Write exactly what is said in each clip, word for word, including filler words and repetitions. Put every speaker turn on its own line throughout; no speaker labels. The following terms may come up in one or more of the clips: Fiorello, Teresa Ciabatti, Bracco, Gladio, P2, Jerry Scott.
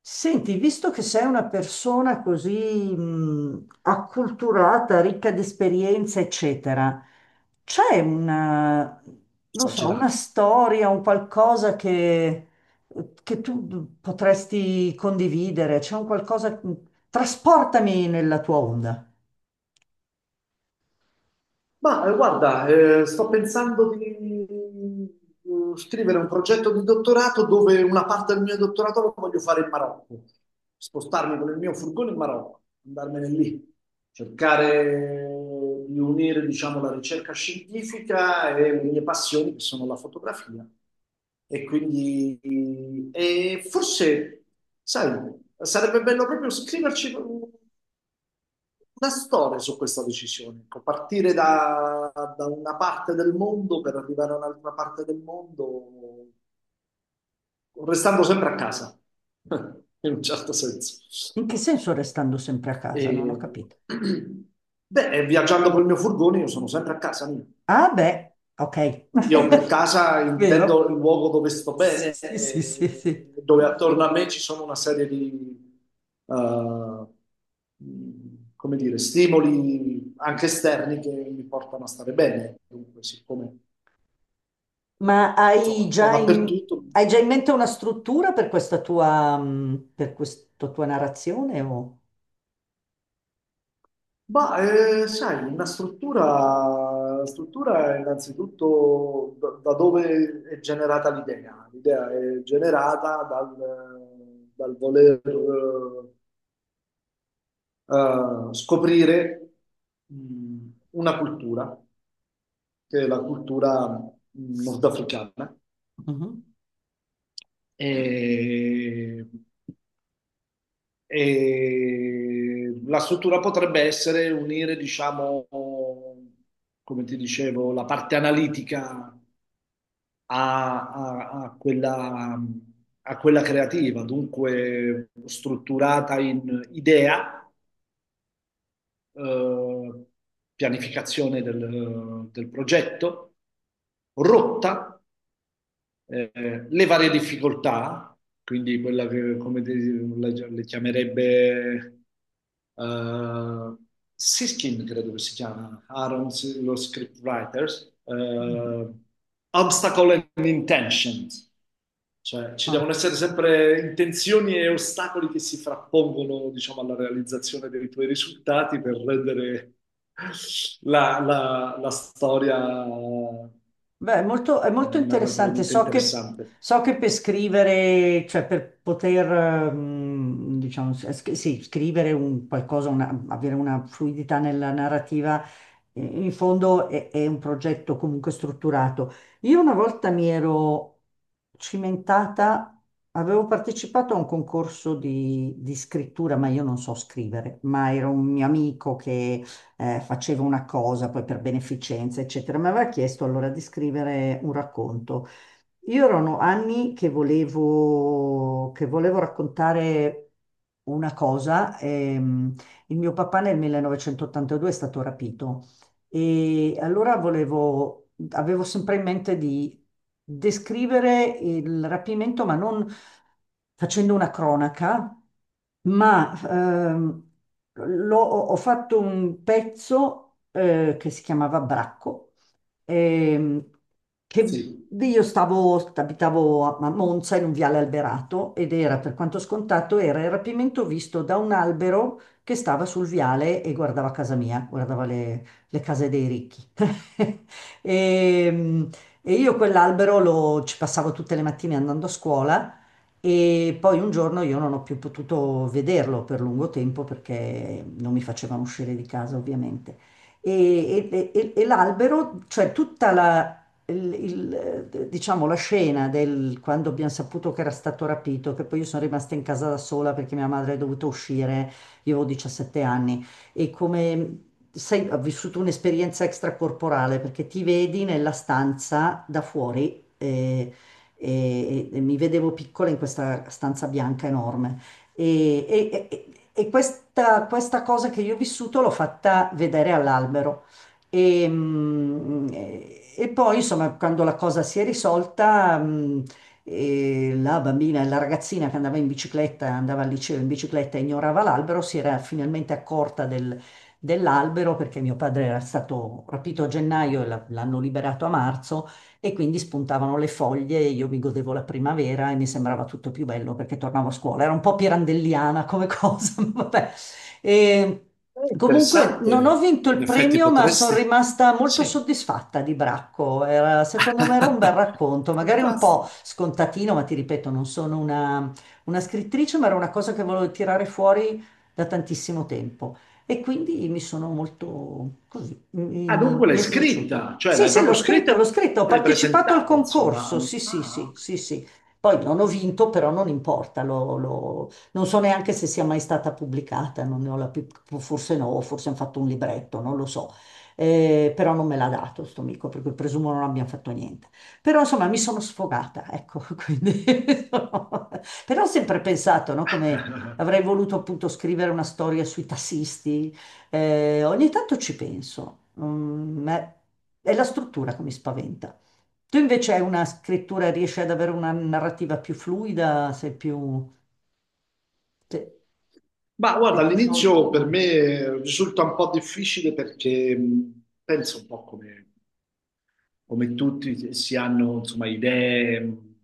Senti, visto che sei una persona così mh, acculturata, ricca di esperienza, eccetera, c'è una, non so, una
Esagerato.
storia, un qualcosa che, che tu potresti condividere? C'è un qualcosa... Trasportami nella tua onda.
Ma eh, guarda, eh, sto pensando di eh, scrivere un progetto di dottorato dove una parte del mio dottorato lo voglio fare in Marocco, spostarmi con il mio furgone in Marocco, andarmene lì, cercare di unire, diciamo, la ricerca scientifica e le mie passioni, che sono la fotografia. E quindi, e forse, sai, sarebbe bello proprio scriverci una storia su questa decisione, ecco, partire da, da una parte del mondo per arrivare a un'altra parte del mondo, restando sempre a casa, in un certo senso.
In che senso restando sempre a
E...
casa? Non ho capito.
Beh, viaggiando col mio furgone io sono sempre a casa mia.
Ah, beh, ok.
Io per casa intendo
Vero?
il luogo dove sto bene,
Sì, sì, sì, sì,
e
sì.
dove attorno a me ci sono una serie di, eh, come dire, stimoli anche esterni che mi portano a stare bene. Dunque, siccome,
Ma
insomma,
hai
un po'
già in,
dappertutto.
hai già in mente una struttura per questa tua, mm, per questa tua narrazione? O...
Ma, eh, sai, una struttura, la struttura è innanzitutto da, da dove è generata l'idea. L'idea è generata dal, dal voler... eh, eh, scoprire mh, una cultura, che è la cultura mm, nordafricana,
Mhm,
e, e la struttura potrebbe essere unire, diciamo, come ti dicevo, la parte analitica a, a- a quella, a quella creativa, dunque strutturata in idea, eh, pianificazione del, del progetto, rotta, eh, le varie difficoltà, quindi quella che come te- la, le chiamerebbe eh, Siskin, credo che si chiama, Aaron, S- lo scriptwriters,
mhm.
eh, obstacle and intentions, cioè ci devono
Ah.
essere sempre intenzioni e ostacoli che si frappongono, diciamo, alla realizzazione dei tuoi risultati per rendere la, la- la storia
Beh, è molto, è
eh,
molto interessante.
narrativamente
So che,
interessante.
so che per scrivere, cioè per poter, ehm, diciamo, s- s- sì, scrivere un qualcosa, una- avere una fluidità nella narrativa, eh, in fondo è, è un progetto comunque strutturato. Io una volta mi ero cimentata, avevo partecipato a un concorso di, di scrittura, ma io non so scrivere, ma era un mio amico eh, faceva una cosa poi per beneficenza, eccetera. Mi aveva chiesto allora di scrivere un racconto. Io erano anni che volevo, che volevo raccontare una cosa. Ehm, il mio papà nel millenovecentottantadue è stato rapito e allora volevo, avevo sempre in mente di descrivere il rapimento, ma non facendo una cronaca ma ehm, l'ho- ho fatto un pezzo eh, che si chiamava Bracco, ehm, che
Sì.
io stavo, abitavo a a Monza in un viale alberato ed era, per quanto scontato, era il rapimento visto da un albero che stava sul viale e guardava casa mia, guardava le, le case dei ricchi. E, e io quell'albero lo, ci passavo tutte le mattine andando a scuola. E poi un giorno io non ho più potuto vederlo per lungo tempo perché non mi facevano uscire di casa, ovviamente. E, e- e- e l'albero, cioè tutta la, il- il- diciamo, la scena del quando abbiamo saputo che era stato rapito, che poi io sono rimasta in casa da sola perché mia madre è dovuta uscire, io avevo diciassette anni, e come sai, ho vissuto un'esperienza extracorporale perché ti vedi nella stanza da fuori. Eh, E, e e mi vedevo piccola in questa stanza bianca enorme. E, e- e- e questa, questa cosa che io ho vissuto l'ho fatta vedere all'albero. E, mm, e- e poi, insomma, quando la cosa si è risolta, mm, e la bambina, la ragazzina che andava in bicicletta, andava al liceo in bicicletta e ignorava l'albero, si era finalmente accorta del- dell'albero perché mio padre era stato rapito a gennaio e la- l'hanno liberato a marzo e quindi spuntavano le foglie e io mi godevo la primavera e mi sembrava tutto più bello perché tornavo a scuola. Era un po' pirandelliana come cosa, ma vabbè. E
Eh,
comunque non ho
interessante.
vinto il
In effetti
premio, ma sono
potresti...
rimasta molto
Sì.
soddisfatta di Bracco. Era- secondo me era un bel racconto, magari un po'
Fantastico.
scontatino, ma ti ripeto, non sono una una scrittrice, ma era una cosa che volevo tirare fuori da tantissimo tempo. E quindi mi sono molto così, mi,
Ah,
mi-
dunque
mi
l'hai
è piaciuto.
scritta, cioè
Sì,
l'hai
sì, l'ho
proprio scritta
scritto,
e
l'ho scritto, ho
l'hai
partecipato al
presentata, insomma.
concorso, sì, sì, sì,
Ah,
sì, sì. Poi non ho vinto, però non importa, l'ho- l'ho- non so neanche se sia mai stata pubblicata, non ne ho la più, forse no, forse hanno fatto un libretto, non lo so. Eh, però non me l'ha dato sto amico, per cui presumo non abbiamo fatto niente. Però insomma mi sono sfogata, ecco, quindi... Però ho sempre pensato, no, come
ok.
avrei voluto appunto scrivere una storia sui tassisti. Eh, ogni tanto ci penso, mm, ma è la struttura che mi spaventa. Tu invece hai una scrittura, riesci ad avere una narrativa più fluida, sei più, se-
Ma
sei
guarda,
più sciolto.
all'inizio per
Mm.
me risulta un po' difficile perché mh, penso un po' come come tutti si hanno, insomma, idee mh,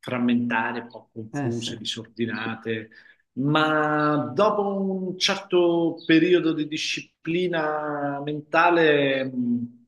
frammentare, un po'
Eh sì.
confuse,
Eh,
disordinate, ma dopo un certo periodo di disciplina mentale, mh,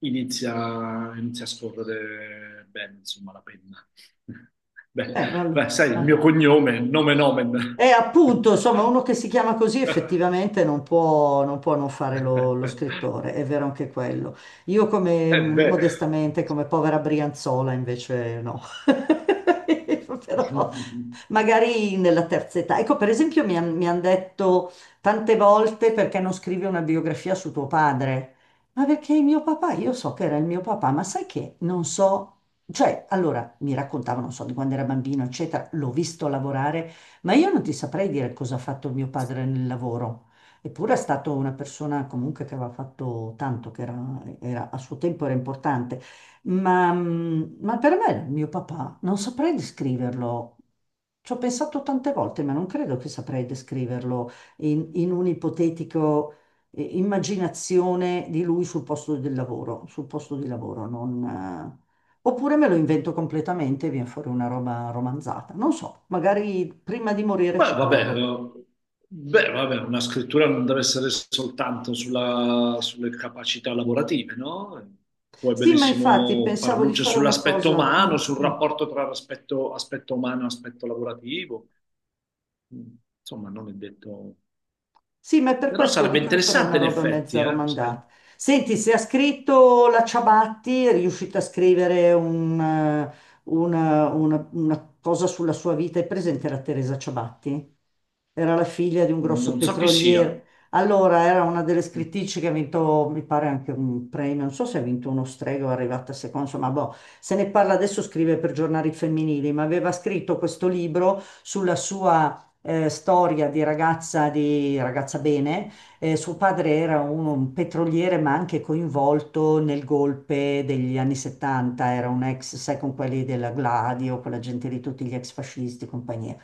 inizia, inizia a scorrere bene, insomma, la penna. Beh,
allora.
beh, sai, il
Ah.
mio cognome, nome
E
nomen
appunto, insomma, uno che si chiama così
omen.
effettivamente non può non, può non fare lo, lo scrittore, è vero anche quello. Io come
Eh beh.
modestamente, come povera Brianzola, invece no. Però magari nella terza età. Ecco, per esempio, mi hanno detto tante volte perché non scrivi una biografia su tuo padre. Ma perché il mio papà, io so che era il mio papà, ma sai che non so, cioè, allora mi raccontavano, non so, di quando era bambino, eccetera, l'ho visto lavorare, ma io non ti saprei dire cosa ha fatto mio padre nel lavoro. Eppure è stata una persona comunque che aveva fatto tanto, che era, era- a suo tempo era importante. Ma, mm, ma per me, era mio papà, non saprei descriverlo. Ci ho pensato tante volte, ma non credo che saprei descriverlo in, in un'ipotetico eh, immaginazione di lui sul posto del lavoro, sul posto di lavoro, non, eh, oppure me lo invento completamente e viene fuori una roba romanzata. Non so, magari prima di morire
Beh,
ci
vabbè,
provo.
eh, beh, vabbè, una scrittura non deve essere soltanto sulla- sulle capacità lavorative, no? Puoi
Sì, ma infatti
benissimo far
pensavo di
luce
fare una
sull'aspetto
cosa.
umano,
Mm,
sul
mm.
rapporto tra aspetto, aspetto umano e aspetto lavorativo. Mm. Insomma, non è detto...
Sì, ma per
Però
questo
sarebbe
dico io farei
interessante
una
in
roba
effetti,
mezza
eh, sai?
romandata. Senti, se ha scritto la Ciabatti, è riuscita a scrivere un, eh, una, una- una cosa sulla sua vita. È presente la Teresa Ciabatti? Era la figlia di un grosso
Non so chi sia.
petroliere. Allora, era una delle
Mm.
scrittrici che ha vinto, mi pare, anche un premio. Non so se ha vinto uno strega o è arrivata seconda, insomma, boh, se ne parla adesso, scrive per giornali femminili, ma aveva scritto questo libro sulla sua eh, storia di ragazza, di ragazza bene. Eh, suo padre era un, un petroliere, ma anche coinvolto nel golpe degli anni settanta, era un ex, sai, con quelli della Gladio, quella gente lì, tutti gli ex fascisti e compagnia.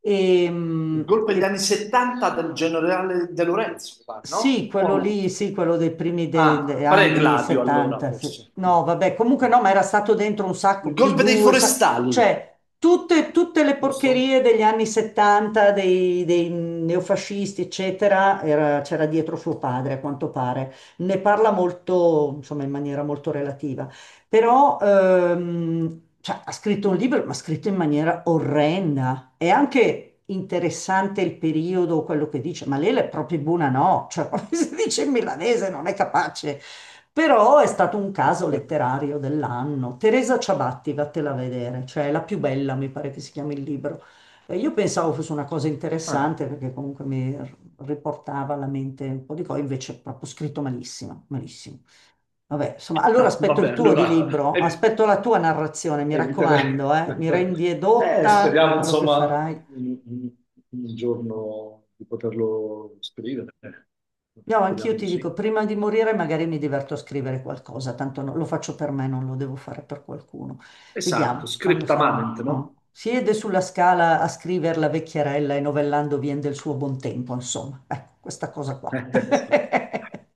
E,
Il
mh,
golpe degli anni
e
settanta del generale De Lorenzo, mi pare, no?
sì,
O
quello
no?
lì, sì, quello dei primi de- de-
Ah,
anni
Pre-Gladio allora,
settanta. se-
forse. Mm.
No, vabbè, comunque no,
Sì.
ma era stato dentro un sacco
Il golpe dei
P due, sa-
forestali,
cioè tutte, tutte le
giusto?
porcherie degli anni settanta, dei, dei neofascisti, eccetera, era- c'era dietro suo padre, a quanto pare. Ne parla molto, insomma, in maniera molto relativa. Però ehm, cioè, ha scritto un libro, ma ha scritto in maniera orrenda. È anche interessante il periodo, quello che dice, ma lei è proprio buona, no? Cioè, come si dice in milanese, non è capace. Però è stato un caso letterario dell'anno. Teresa Ciabatti, vattela a vedere, cioè è la più bella, mi pare che si chiami il libro. Eh, Io pensavo fosse una cosa
Ah,
interessante perché comunque mi r- riportava alla mente un po' di cose, invece è proprio scritto malissimo, malissimo. Vabbè, insomma, allora
ah,
aspetto
vabbè,
il tuo di
allora
libro,
eh,
aspetto la tua narrazione, mi
eviterei.
raccomando, eh? Mi rendi
Eh,
edotta di
speriamo,
quello che
insomma,
farai.
in- in- un giorno di poterlo scrivere.
No,
Speriamo
anch'io
di
ti dico,
sì.
prima di morire magari mi diverto a scrivere qualcosa, tanto no- lo faccio per me, non lo devo fare per qualcuno.
Esatto,
Vediamo, quando sarò...
scriptamamente,
no.
no?
Siede sulla scala a scrivere la vecchierella e novellando vien del suo buon tempo, insomma. Ecco, questa cosa qua.